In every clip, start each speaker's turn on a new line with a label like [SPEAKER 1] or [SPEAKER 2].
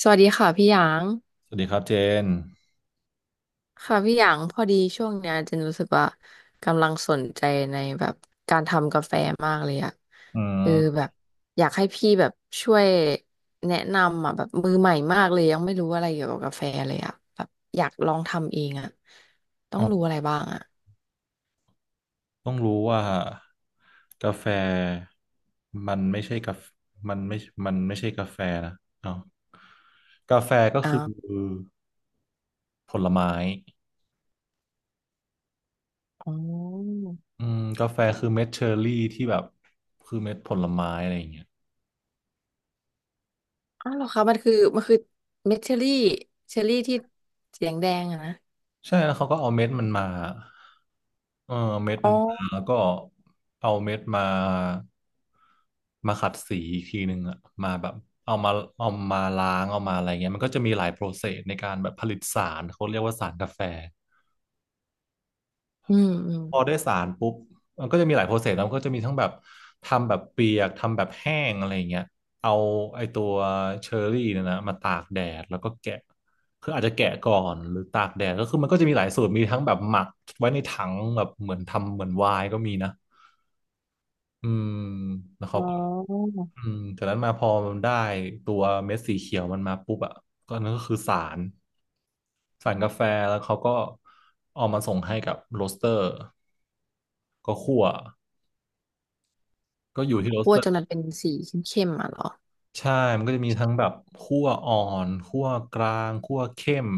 [SPEAKER 1] สวัสดีค่ะพี่หยาง
[SPEAKER 2] สวัสดีครับเจน
[SPEAKER 1] ค่ะพี่หยางพอดีช่วงเนี้ยเจนรู้สึกว่ากำลังสนใจในแบบการทำกาแฟมากเลยอะ
[SPEAKER 2] อื
[SPEAKER 1] เออแบ
[SPEAKER 2] ม
[SPEAKER 1] บอยากให้พี่แบบช่วยแนะนำอะแบบมือใหม่มากเลยยังไม่รู้อะไรเกี่ยวกับกาแฟเลยอะแบบอยากลองทำเองอะต้อ
[SPEAKER 2] อ๋
[SPEAKER 1] ง
[SPEAKER 2] อ
[SPEAKER 1] รู้อะไรบ้างอะ
[SPEAKER 2] ต้องรู้ว่ากาแฟมันไม่ใช่กาแฟมันไม่มันไม่ใช่กาแฟนะเนาะกาแฟก็
[SPEAKER 1] อ้า
[SPEAKER 2] คือ
[SPEAKER 1] ว
[SPEAKER 2] ผลไม้
[SPEAKER 1] อ๋อ
[SPEAKER 2] อืมกาแฟคือเม็ดเชอร์รี่ที่แบบคือเม็ดผลไม้อะไรอย่างเงี้ย
[SPEAKER 1] อ้าวเหรอคะมันคือมันคือเม็ดเชอรี่เชอรี่ที่สีแดงๆอะนะ
[SPEAKER 2] ใช่แล้วเขาก็เอาเม็ดมันมาเออเม็ด
[SPEAKER 1] อ๋อ
[SPEAKER 2] มันมาแล้วก็เอาเม็ดมามาขัดสีอีกทีหนึ่งอะมาแบบเอามาเอามาล้างเอามาอะไรเงี้ยมันก็จะมีหลายโปรเซสในการแบบผลิตสารเขาเรียกว่าสารกาแฟ
[SPEAKER 1] อืมอืม
[SPEAKER 2] พอได้สารปุ๊บมันก็จะมีหลายโปรเซสแล้วก็จะมีทั้งแบบทำแบบเปียกทำแบบแห้งอะไรอย่างเงี้ยเอาไอตัวเชอร์รี่เนี่ยนะมาตากแดดแล้วก็แกะคืออาจจะแกะก่อนหรือตากแดดก็คือมันก็จะมีหลายสูตรมีทั้งแบบหมักไว้ในถังแบบเหมือนทำเหมือนไวน์ก็มีนะอืมแล้ว
[SPEAKER 1] อ๋
[SPEAKER 2] เขา
[SPEAKER 1] อ
[SPEAKER 2] ก็ อืมจากนั้นมาพอมันได้ตัวเม็ดสีเขียวมันมาปุ๊บอ่ะก็นั่นก็คือสารสารกาแฟแล้วเขาก็เอามาส่งให้กับโรสเตอร์ก็คั่วก็อยู่ที่โรส
[SPEAKER 1] คั่ว
[SPEAKER 2] เตอ
[SPEAKER 1] จ
[SPEAKER 2] ร์
[SPEAKER 1] นมันเป็นสีเข้มๆอ่ะเหรอ
[SPEAKER 2] ใช่มันก็จะมีทั้งแบบคั่วอ่อนคั่วกลางคั่วเข้ม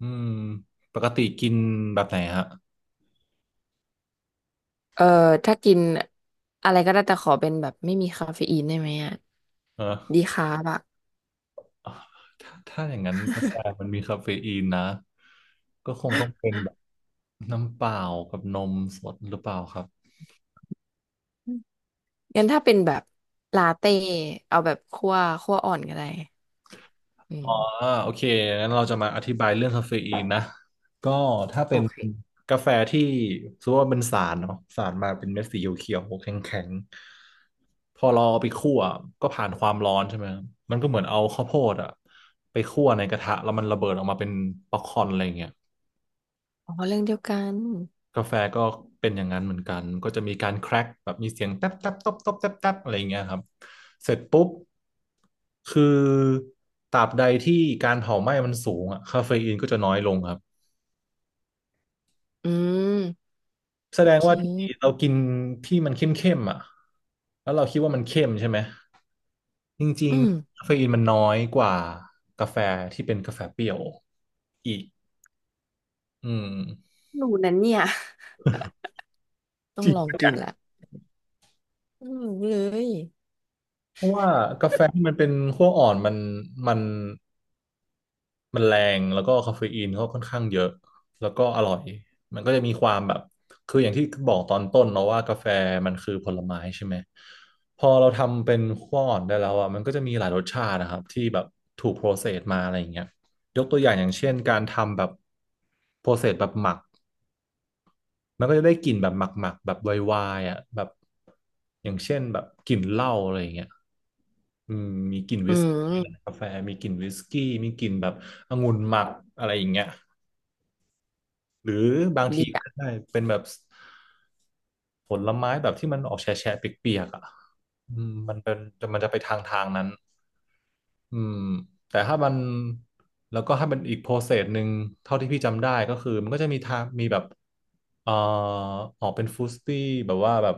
[SPEAKER 2] อืมปกติกินแบบไหนฮะ
[SPEAKER 1] เออถ้ากินอะไรก็ได้แต่ขอเป็นแบบไม่มีคาเฟอีนได้ไหมอ่ะ
[SPEAKER 2] เออ
[SPEAKER 1] ดีคาร์บอ่ะ
[SPEAKER 2] ถ้าถ้าอย่างนั้นกาแฟมันมีคาเฟอีนนะก็คงต้องเป็นแบบน้ำเปล่ากับนมสดหรือเปล่าครับ
[SPEAKER 1] อืมงั้นถ้าเป็นแบบลาเต้เอาแบบคั่วคั่วอ่อนก็ได้อืม
[SPEAKER 2] อ่าโอเคงั้นเราจะมาอธิบายเรื่องคาเฟอีนนะก็ถ้า
[SPEAKER 1] โอ
[SPEAKER 2] เป็น
[SPEAKER 1] เค
[SPEAKER 2] กาแฟที่สมมติว่าเป็นสารเนาะสารมาเป็นเม็ดสีเขียวๆแข็งๆพอเราเอาไปคั่วก็ผ่านความร้อนใช่ไหมมันก็เหมือนเอาข้าวโพดอะไปคั่วในกระทะแล้วมันระเบิดออกมาเป็นป๊อปคอร์นอะไรอย่างเงี้ย
[SPEAKER 1] อ๋อเรื่องเดียวกัน
[SPEAKER 2] กาแฟก็เป็นอย่างนั้นเหมือนกัน ก็จะมีการแครกแบบมีเสียงแต๊บแต๊บตบตบแต๊บแต๊บอะไรอย่างเงี้ยครับ เสร็จปุ๊บคือตราบใดที่การเผาไหม้มันสูงอะคาเฟอีนก็จะน้อยลงครับ
[SPEAKER 1] อืม
[SPEAKER 2] แส
[SPEAKER 1] โอ
[SPEAKER 2] ดง
[SPEAKER 1] เค
[SPEAKER 2] ว่าที่เรากินที่มันเข้มๆอ่ะแล้วเราคิดว่ามันเข้มใช่ไหมจริ
[SPEAKER 1] อื
[SPEAKER 2] ง
[SPEAKER 1] ม
[SPEAKER 2] ๆคาเฟอีนมันน้อยกว่ากาแฟที่เป็นกาแฟเปรี้ยวอีกอืม
[SPEAKER 1] รู้นั้นเนี่ยต้
[SPEAKER 2] จ
[SPEAKER 1] อง
[SPEAKER 2] ริง
[SPEAKER 1] ลอง
[SPEAKER 2] ปะ
[SPEAKER 1] กิ
[SPEAKER 2] เนี่
[SPEAKER 1] น
[SPEAKER 2] ย
[SPEAKER 1] ละ อืมเลย
[SPEAKER 2] เพราะว่ากาแฟที่มันเป็นขั้วอ่อนมัน มันแรงแล้วก็คาเฟอีนก็ค่อนข้างเยอะแล้วก็อร่อยมันก็จะมีความแบบคืออย่างที่บอกตอนต้นเนาะว่ากาแฟมันคือผลไม้ใช่ไหมพอเราทำเป็นขั้วอ่อนได้แล้วอ่ะมันก็จะมีหลายรสชาตินะครับที่แบบถูกโปรเซสมาอะไรอย่างเงี้ยยกตัวอย่างอย่างเช่นการทำแบบโปรเซสแบบหมักมันก็จะได้กลิ่นแบบหมักๆแบบไวๆอ่ะแบบอย่างเช่นแบบกลิ่นเหล้าอะไรอย่างเงี้ย
[SPEAKER 1] อืม
[SPEAKER 2] กาแฟมีกลิ่นวิสกี้มีกลิ่นแบบองุ่นหมักอะไรอย่างเงี้ย หรือบางที
[SPEAKER 1] ดีอ่ะ
[SPEAKER 2] ก็ได้เป็นแบบผลไม้แบบที่มันออกแฉะแฉะเปียกๆอ่ะอืมมันเป็นมันจะไปทางนั้นอืมแต่ถ้ามันแล้วก็ถ้าเป็นอีกโปรเซสหนึ่งเท่าที่พี่จำได้ก็คือมันก็จะมีทางมีแบบเอ่อออกเป็นฟรุตตี้แบบว่าแบบ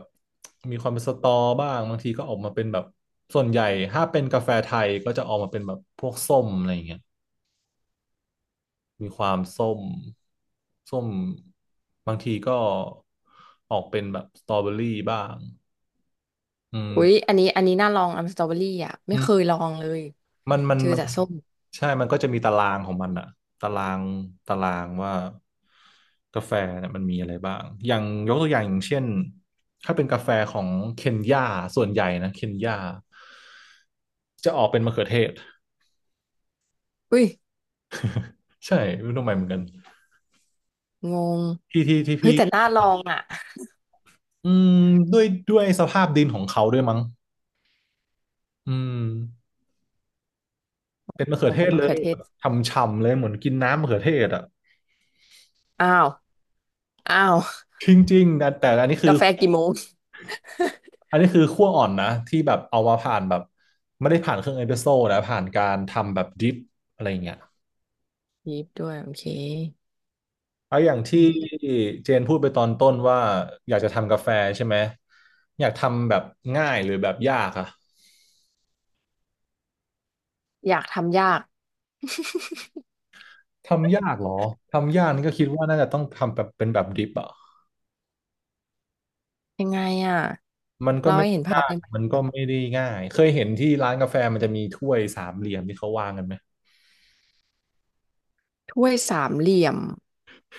[SPEAKER 2] มีความเป็นสตอบ้างบางทีก็ออกมาเป็นแบบส่วนใหญ่ถ้าเป็นกาแฟไทยก็จะออกมาเป็นแบบพวกส้มอะไรอย่างเงี้ย มีความส้ม ส้ม บางทีก็ออกเป็นแบบสตรอเบอรี่บ้างอืม
[SPEAKER 1] อุ๊ยอันนี้อันนี้น่าลองอัมสตรอเบอรี่อ่ะไม่
[SPEAKER 2] อืม
[SPEAKER 1] เคยลองเลย
[SPEAKER 2] มันมัน
[SPEAKER 1] เจอ
[SPEAKER 2] มัน
[SPEAKER 1] แต่ส้ม
[SPEAKER 2] ใช่ มันก็จะมีตารางของมันอะตาราง ตารางว่ากาแฟเนี่ยมันมีอะไรบ้างอย่างยกตัวอย่างอย่างเช่นถ้าเป็นกาแฟของเคนยาส่วนใหญ่นะเคนยาจะออกเป็นมะเขือเทศ
[SPEAKER 1] อุ้ย
[SPEAKER 2] ใช่ไม่รู้ทำไมเหมือนกัน
[SPEAKER 1] งง
[SPEAKER 2] ที่
[SPEAKER 1] เฮ้ย
[SPEAKER 2] พี่
[SPEAKER 1] แต่น่าลองอ่ะ
[SPEAKER 2] อืมด้วยสภาพดินของเขาด้วยมั้งอืม เป็นมะเขื
[SPEAKER 1] ผ
[SPEAKER 2] อเท
[SPEAKER 1] ม
[SPEAKER 2] ศ
[SPEAKER 1] มะ
[SPEAKER 2] เล
[SPEAKER 1] เขื
[SPEAKER 2] ย
[SPEAKER 1] อเทศ
[SPEAKER 2] ทำฉ่ำๆเลยเหมือนกินน้ำมะเขือเทศอ่ะ
[SPEAKER 1] อ้าวอ้าว
[SPEAKER 2] จริงๆนะแต่อันนี้คื
[SPEAKER 1] กา
[SPEAKER 2] อ
[SPEAKER 1] แฟกี่โมง
[SPEAKER 2] อันนี้คือคั่วอ่อนนะที่แบบเอามาผ่านแบบไม่ได้ผ่านเครื่องเอสเปรสโซ่นะผ่านการทำแบบดริปอะไรอย่างเงี้ย
[SPEAKER 1] ยีบด้วยโอเค
[SPEAKER 2] เอาอย่าง
[SPEAKER 1] อื
[SPEAKER 2] ที่
[SPEAKER 1] ม
[SPEAKER 2] เจนพูดไปตอนต้นว่าอยากจะทำกาแฟใช่ไหมอยากทำแบบง่ายหรือแบบยากอะ
[SPEAKER 1] อยากทำยาก
[SPEAKER 2] ทำยากเหรอทำยากนี่ก็คิดว่าน่าจะต้องทำแบบเป็นแบบดริปอะ
[SPEAKER 1] ยังไงอ่ะ
[SPEAKER 2] มันก็
[SPEAKER 1] เรา
[SPEAKER 2] ไม่
[SPEAKER 1] ให้เห็นภา
[SPEAKER 2] ยา
[SPEAKER 1] พ
[SPEAKER 2] ก
[SPEAKER 1] ได้ไหม
[SPEAKER 2] มันก็
[SPEAKER 1] อะ
[SPEAKER 2] ไม่ได้ง่ายเคยเห็นที่ร้านกาแฟมันจะมีถ้วยสามเหลี่ยมที่เขาวางกันไหม
[SPEAKER 1] ถ้วยสามเหลี่ยม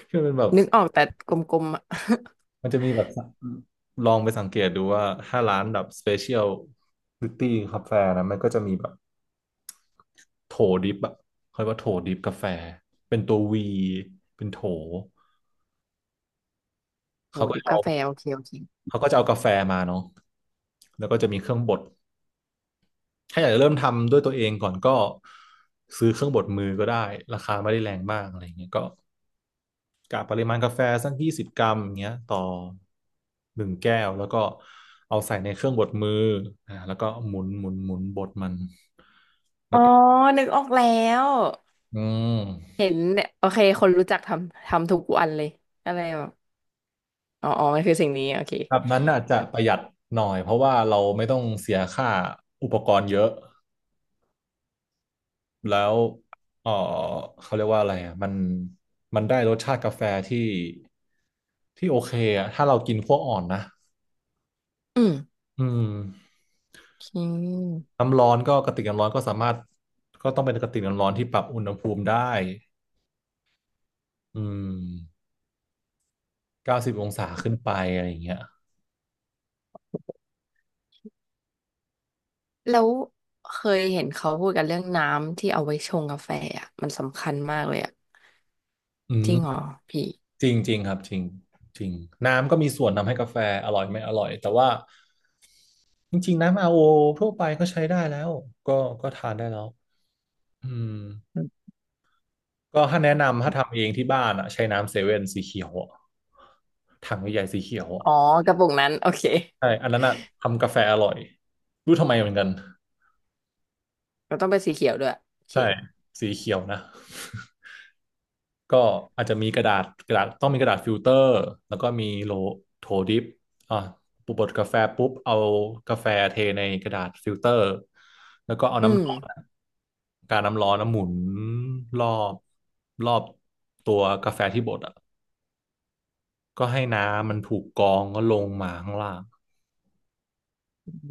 [SPEAKER 2] ที่มันเป็นแบบ
[SPEAKER 1] นึกออกแต่กลมๆอ่ะ
[SPEAKER 2] มันจะมีแบบลองไปสังเกตดูว่าถ้าร้านแบบสเปเชียลลิตี้กาแฟนะมันก็จะมีแบบโถดิบอะเขาเรียกว่าโถดิบกาแฟเป็นตัววีเป็นโถ
[SPEAKER 1] โห
[SPEAKER 2] เขาก็
[SPEAKER 1] ดิบ
[SPEAKER 2] เอา
[SPEAKER 1] กาแฟโอเคโอเค
[SPEAKER 2] เขาก็จะเอากาแฟมาเนาะแล้วก็จะมีเครื่องบดถ้าอยากจะเริ่มทำด้วยตัวเองก่อนก็ซื้อเครื่องบดมือก็ได้ราคาไม่ได้แรงมากอะไรางเงี้ยก็ กะปริมาณกาแฟสัก20 กรัมอย่างเงี้ยต่อหนึ่งแก้ว แล้วก็เอาใส่ในเครื่องบดมือแล้วก็หมุน หมุน หมุนบดมัน แล้
[SPEAKER 1] อ๋อ
[SPEAKER 2] วก็
[SPEAKER 1] นึกออกแล้ว
[SPEAKER 2] อืม
[SPEAKER 1] เห็นเนี่ยโอเคคนรู้จักทำทำทุกวันเลยอะไรแบบอ๋ออ๋อมันคือสิ่งนี้โอเค
[SPEAKER 2] แบบนั้นน่าจจะ
[SPEAKER 1] ครับ
[SPEAKER 2] ประหยัดหน่อย เพราะว่าเราไม่ต้องเสียค่าอุปกรณ์เยอะ แล้วเออเขาเรียกว่าอะไรอ่ะมัน มันได้รสชาติกาแฟที่ ที่โอเคอ่ะถ้าเรากินขั้วอ่อนนะ
[SPEAKER 1] อืม
[SPEAKER 2] อืม
[SPEAKER 1] โอเค
[SPEAKER 2] น้ำร้อนก็กระติกน้ำร้อนก็สามารถก็ต้องเป็นกระติกน้ำร้อนที่ปรับอุณหภูมิได้อืม90 องศาขึ้นไปอะไรอย่างเงี้ย
[SPEAKER 1] แล้วเคยเห็นเขาพูดกันเรื่องน้ำที่เอาไว้ชงกาแฟอ่ะมันสำคัญมากเลยอ่ะ
[SPEAKER 2] อื
[SPEAKER 1] จริงเหรอ
[SPEAKER 2] ม
[SPEAKER 1] พี่
[SPEAKER 2] จริงจริงครับจริงจริงน้ำก็มีส่วนทำให้กาแฟอร่อยไม่อร่อยแต่ว่าจริงๆน้ำอาร์โอทั่วไปก็ใช้ได้แล้วก็ก็ทานได้แล้วอืม
[SPEAKER 1] อืม
[SPEAKER 2] ก็ถ้าแนะนำถ้าทำเองที่บ้านอ่ะใช้น้ำเซเว่นสีเขียวอะถังใหญ่ๆสีเขียวอะ
[SPEAKER 1] อ๋อกระปุกนั้นโอเค
[SPEAKER 2] ใช่อันนั้นอ่ะทำกาแฟอร่อยรู้ทำไมเหมือนกัน
[SPEAKER 1] เราต้องเป็นสีเขียวด้วยโอเค
[SPEAKER 2] ใช่สีเขียวนะ ก็อาจจะมีกระดาษต้องมีกระดาษฟิลเตอร์แล้วก็มีโถดิปอ่ะปุบบดกาแฟปุ๊บเอากาแฟเทในกระดาษฟิลเตอร์แล้วก็เอา
[SPEAKER 1] อืม
[SPEAKER 2] น้ำร้อนอะการน้ำร้อนน้ำหมุนรอบรอบตัวกาแฟที่บดอ่ะก็ให้น้ำมันถูกกรองก็ลงมาข้างล่าง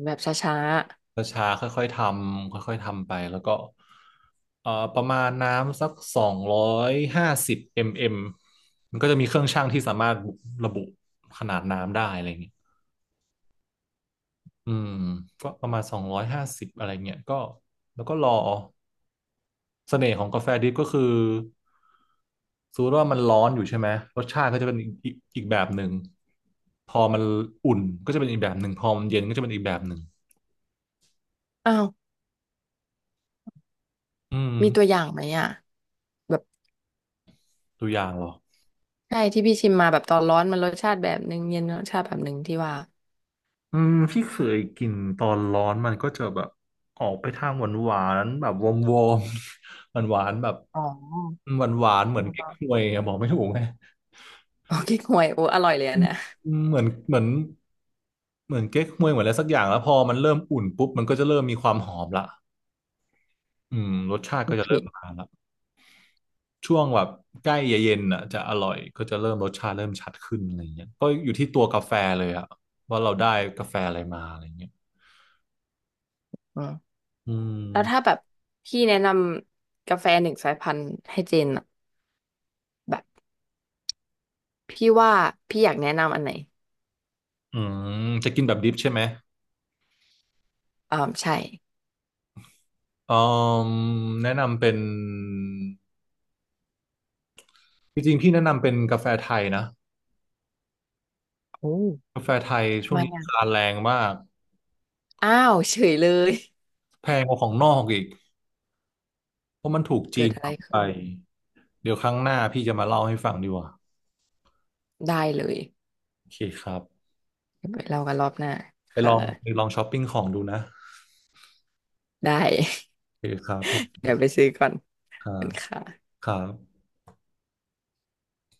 [SPEAKER 1] แบบช้า
[SPEAKER 2] ช้าๆค่อยๆทำค่อยๆทำไปแล้วก็ประมาณน้ำสักสองร้อยห้าสิบมมมันก็จะมีเครื่องชั่งที่สามารถระบุขนาดน้ำได้อะไรเงี้ยอืมก็ประมาณสองร้อยห้าสิบอะไรเงี้ยก็แล้วก็รอเสน่ห์ของกาแฟดริปก็คือสมมติว่ามันร้อนอยู่ใช่ไหมรสชาติก็จะเป็นอีกแบบหนึ่งพอมันอุ่นก็จะเป็นอีกแบบหนึ่งพอมันเย็นก็จะเป็นอีกแบบหนึ่ง
[SPEAKER 1] ๆอ้าว
[SPEAKER 2] อืม
[SPEAKER 1] มีตัวอย่างไหมอ่ะแบบ
[SPEAKER 2] ตัวอย่างเหรอ
[SPEAKER 1] ใช่ที่พี่ชิมมาแบบตอนร้อนมันรสชาติแบบนึงเย็นรสชาติแบบนึงที่ว่า
[SPEAKER 2] พี่เคยกินตอนร้อนมันก็จะแบบออกไปทางหวานหวานแบบวอมวอมหวาน หวานๆแบบ
[SPEAKER 1] อ๋อ
[SPEAKER 2] หวานหวานเหมือนเก๊กฮวยอะบอกไม่ถูกไง
[SPEAKER 1] โอเคห่วยโอ้อร่อยเลยอะนะ
[SPEAKER 2] อืมเหมือนเก๊กฮวยเหมือนอะไรสักอย่างแล้วพอมันเริ่มอุ่นปุ๊บมันก็จะเริ่มมีความหอมละรสชาติ
[SPEAKER 1] โอ
[SPEAKER 2] ก็จะ
[SPEAKER 1] เค
[SPEAKER 2] เริ่มมาละช่วงแบบใกล้เย็นๆอ่ะจะอร่อยก็จะเริ่มรสชาติเริ่มชัดขึ้นอะไรเงี้ยก็อยู่ที่ตัวกาแฟเลยอะว่าเราได้กาแฟอะไรมาอะไรเงี้ย
[SPEAKER 1] อืม
[SPEAKER 2] อื
[SPEAKER 1] แล้วถ้า
[SPEAKER 2] ม
[SPEAKER 1] แบบพี่แนะนำกาแฟหนึ่งสายพันธุ์ให้เจนอะแบบพี่ว่าพี่อยากแนะนำอันไหน
[SPEAKER 2] อืมจะกินแบบดิฟใช่ไหม
[SPEAKER 1] อ่าใช่
[SPEAKER 2] เอ่มแนะนำเป็นจริงๆพี่แนะนำเป็นกาแฟไทยนะ
[SPEAKER 1] โอ้
[SPEAKER 2] กาแฟไทย
[SPEAKER 1] ทำ
[SPEAKER 2] ช่วง
[SPEAKER 1] ไม
[SPEAKER 2] นี้
[SPEAKER 1] อ่ะ
[SPEAKER 2] ราคาแรงมาก
[SPEAKER 1] อ้าวเฉยเลย
[SPEAKER 2] แพงกว่าของนอกอีกเพราะมันถูก จี
[SPEAKER 1] เกิด
[SPEAKER 2] น
[SPEAKER 1] อะ
[SPEAKER 2] ป
[SPEAKER 1] ไร
[SPEAKER 2] รับไป
[SPEAKER 1] ขึ้น
[SPEAKER 2] เดี๋ยวครั้งหน้าพี่จะมาเล่าให้ฟังดีกว่า
[SPEAKER 1] ได้เลย
[SPEAKER 2] โอเคครับ
[SPEAKER 1] เดี๋ยวไปเล่ากันรอบหน้า
[SPEAKER 2] ไปล
[SPEAKER 1] ค่ะ
[SPEAKER 2] องไปลองช้อปปิ้งของดูนะ
[SPEAKER 1] ได้
[SPEAKER 2] โอเคครับผม
[SPEAKER 1] เดี๋ยวไปซื้อก่อน
[SPEAKER 2] ครั
[SPEAKER 1] เป็น
[SPEAKER 2] บ
[SPEAKER 1] ค่ะ
[SPEAKER 2] ครับ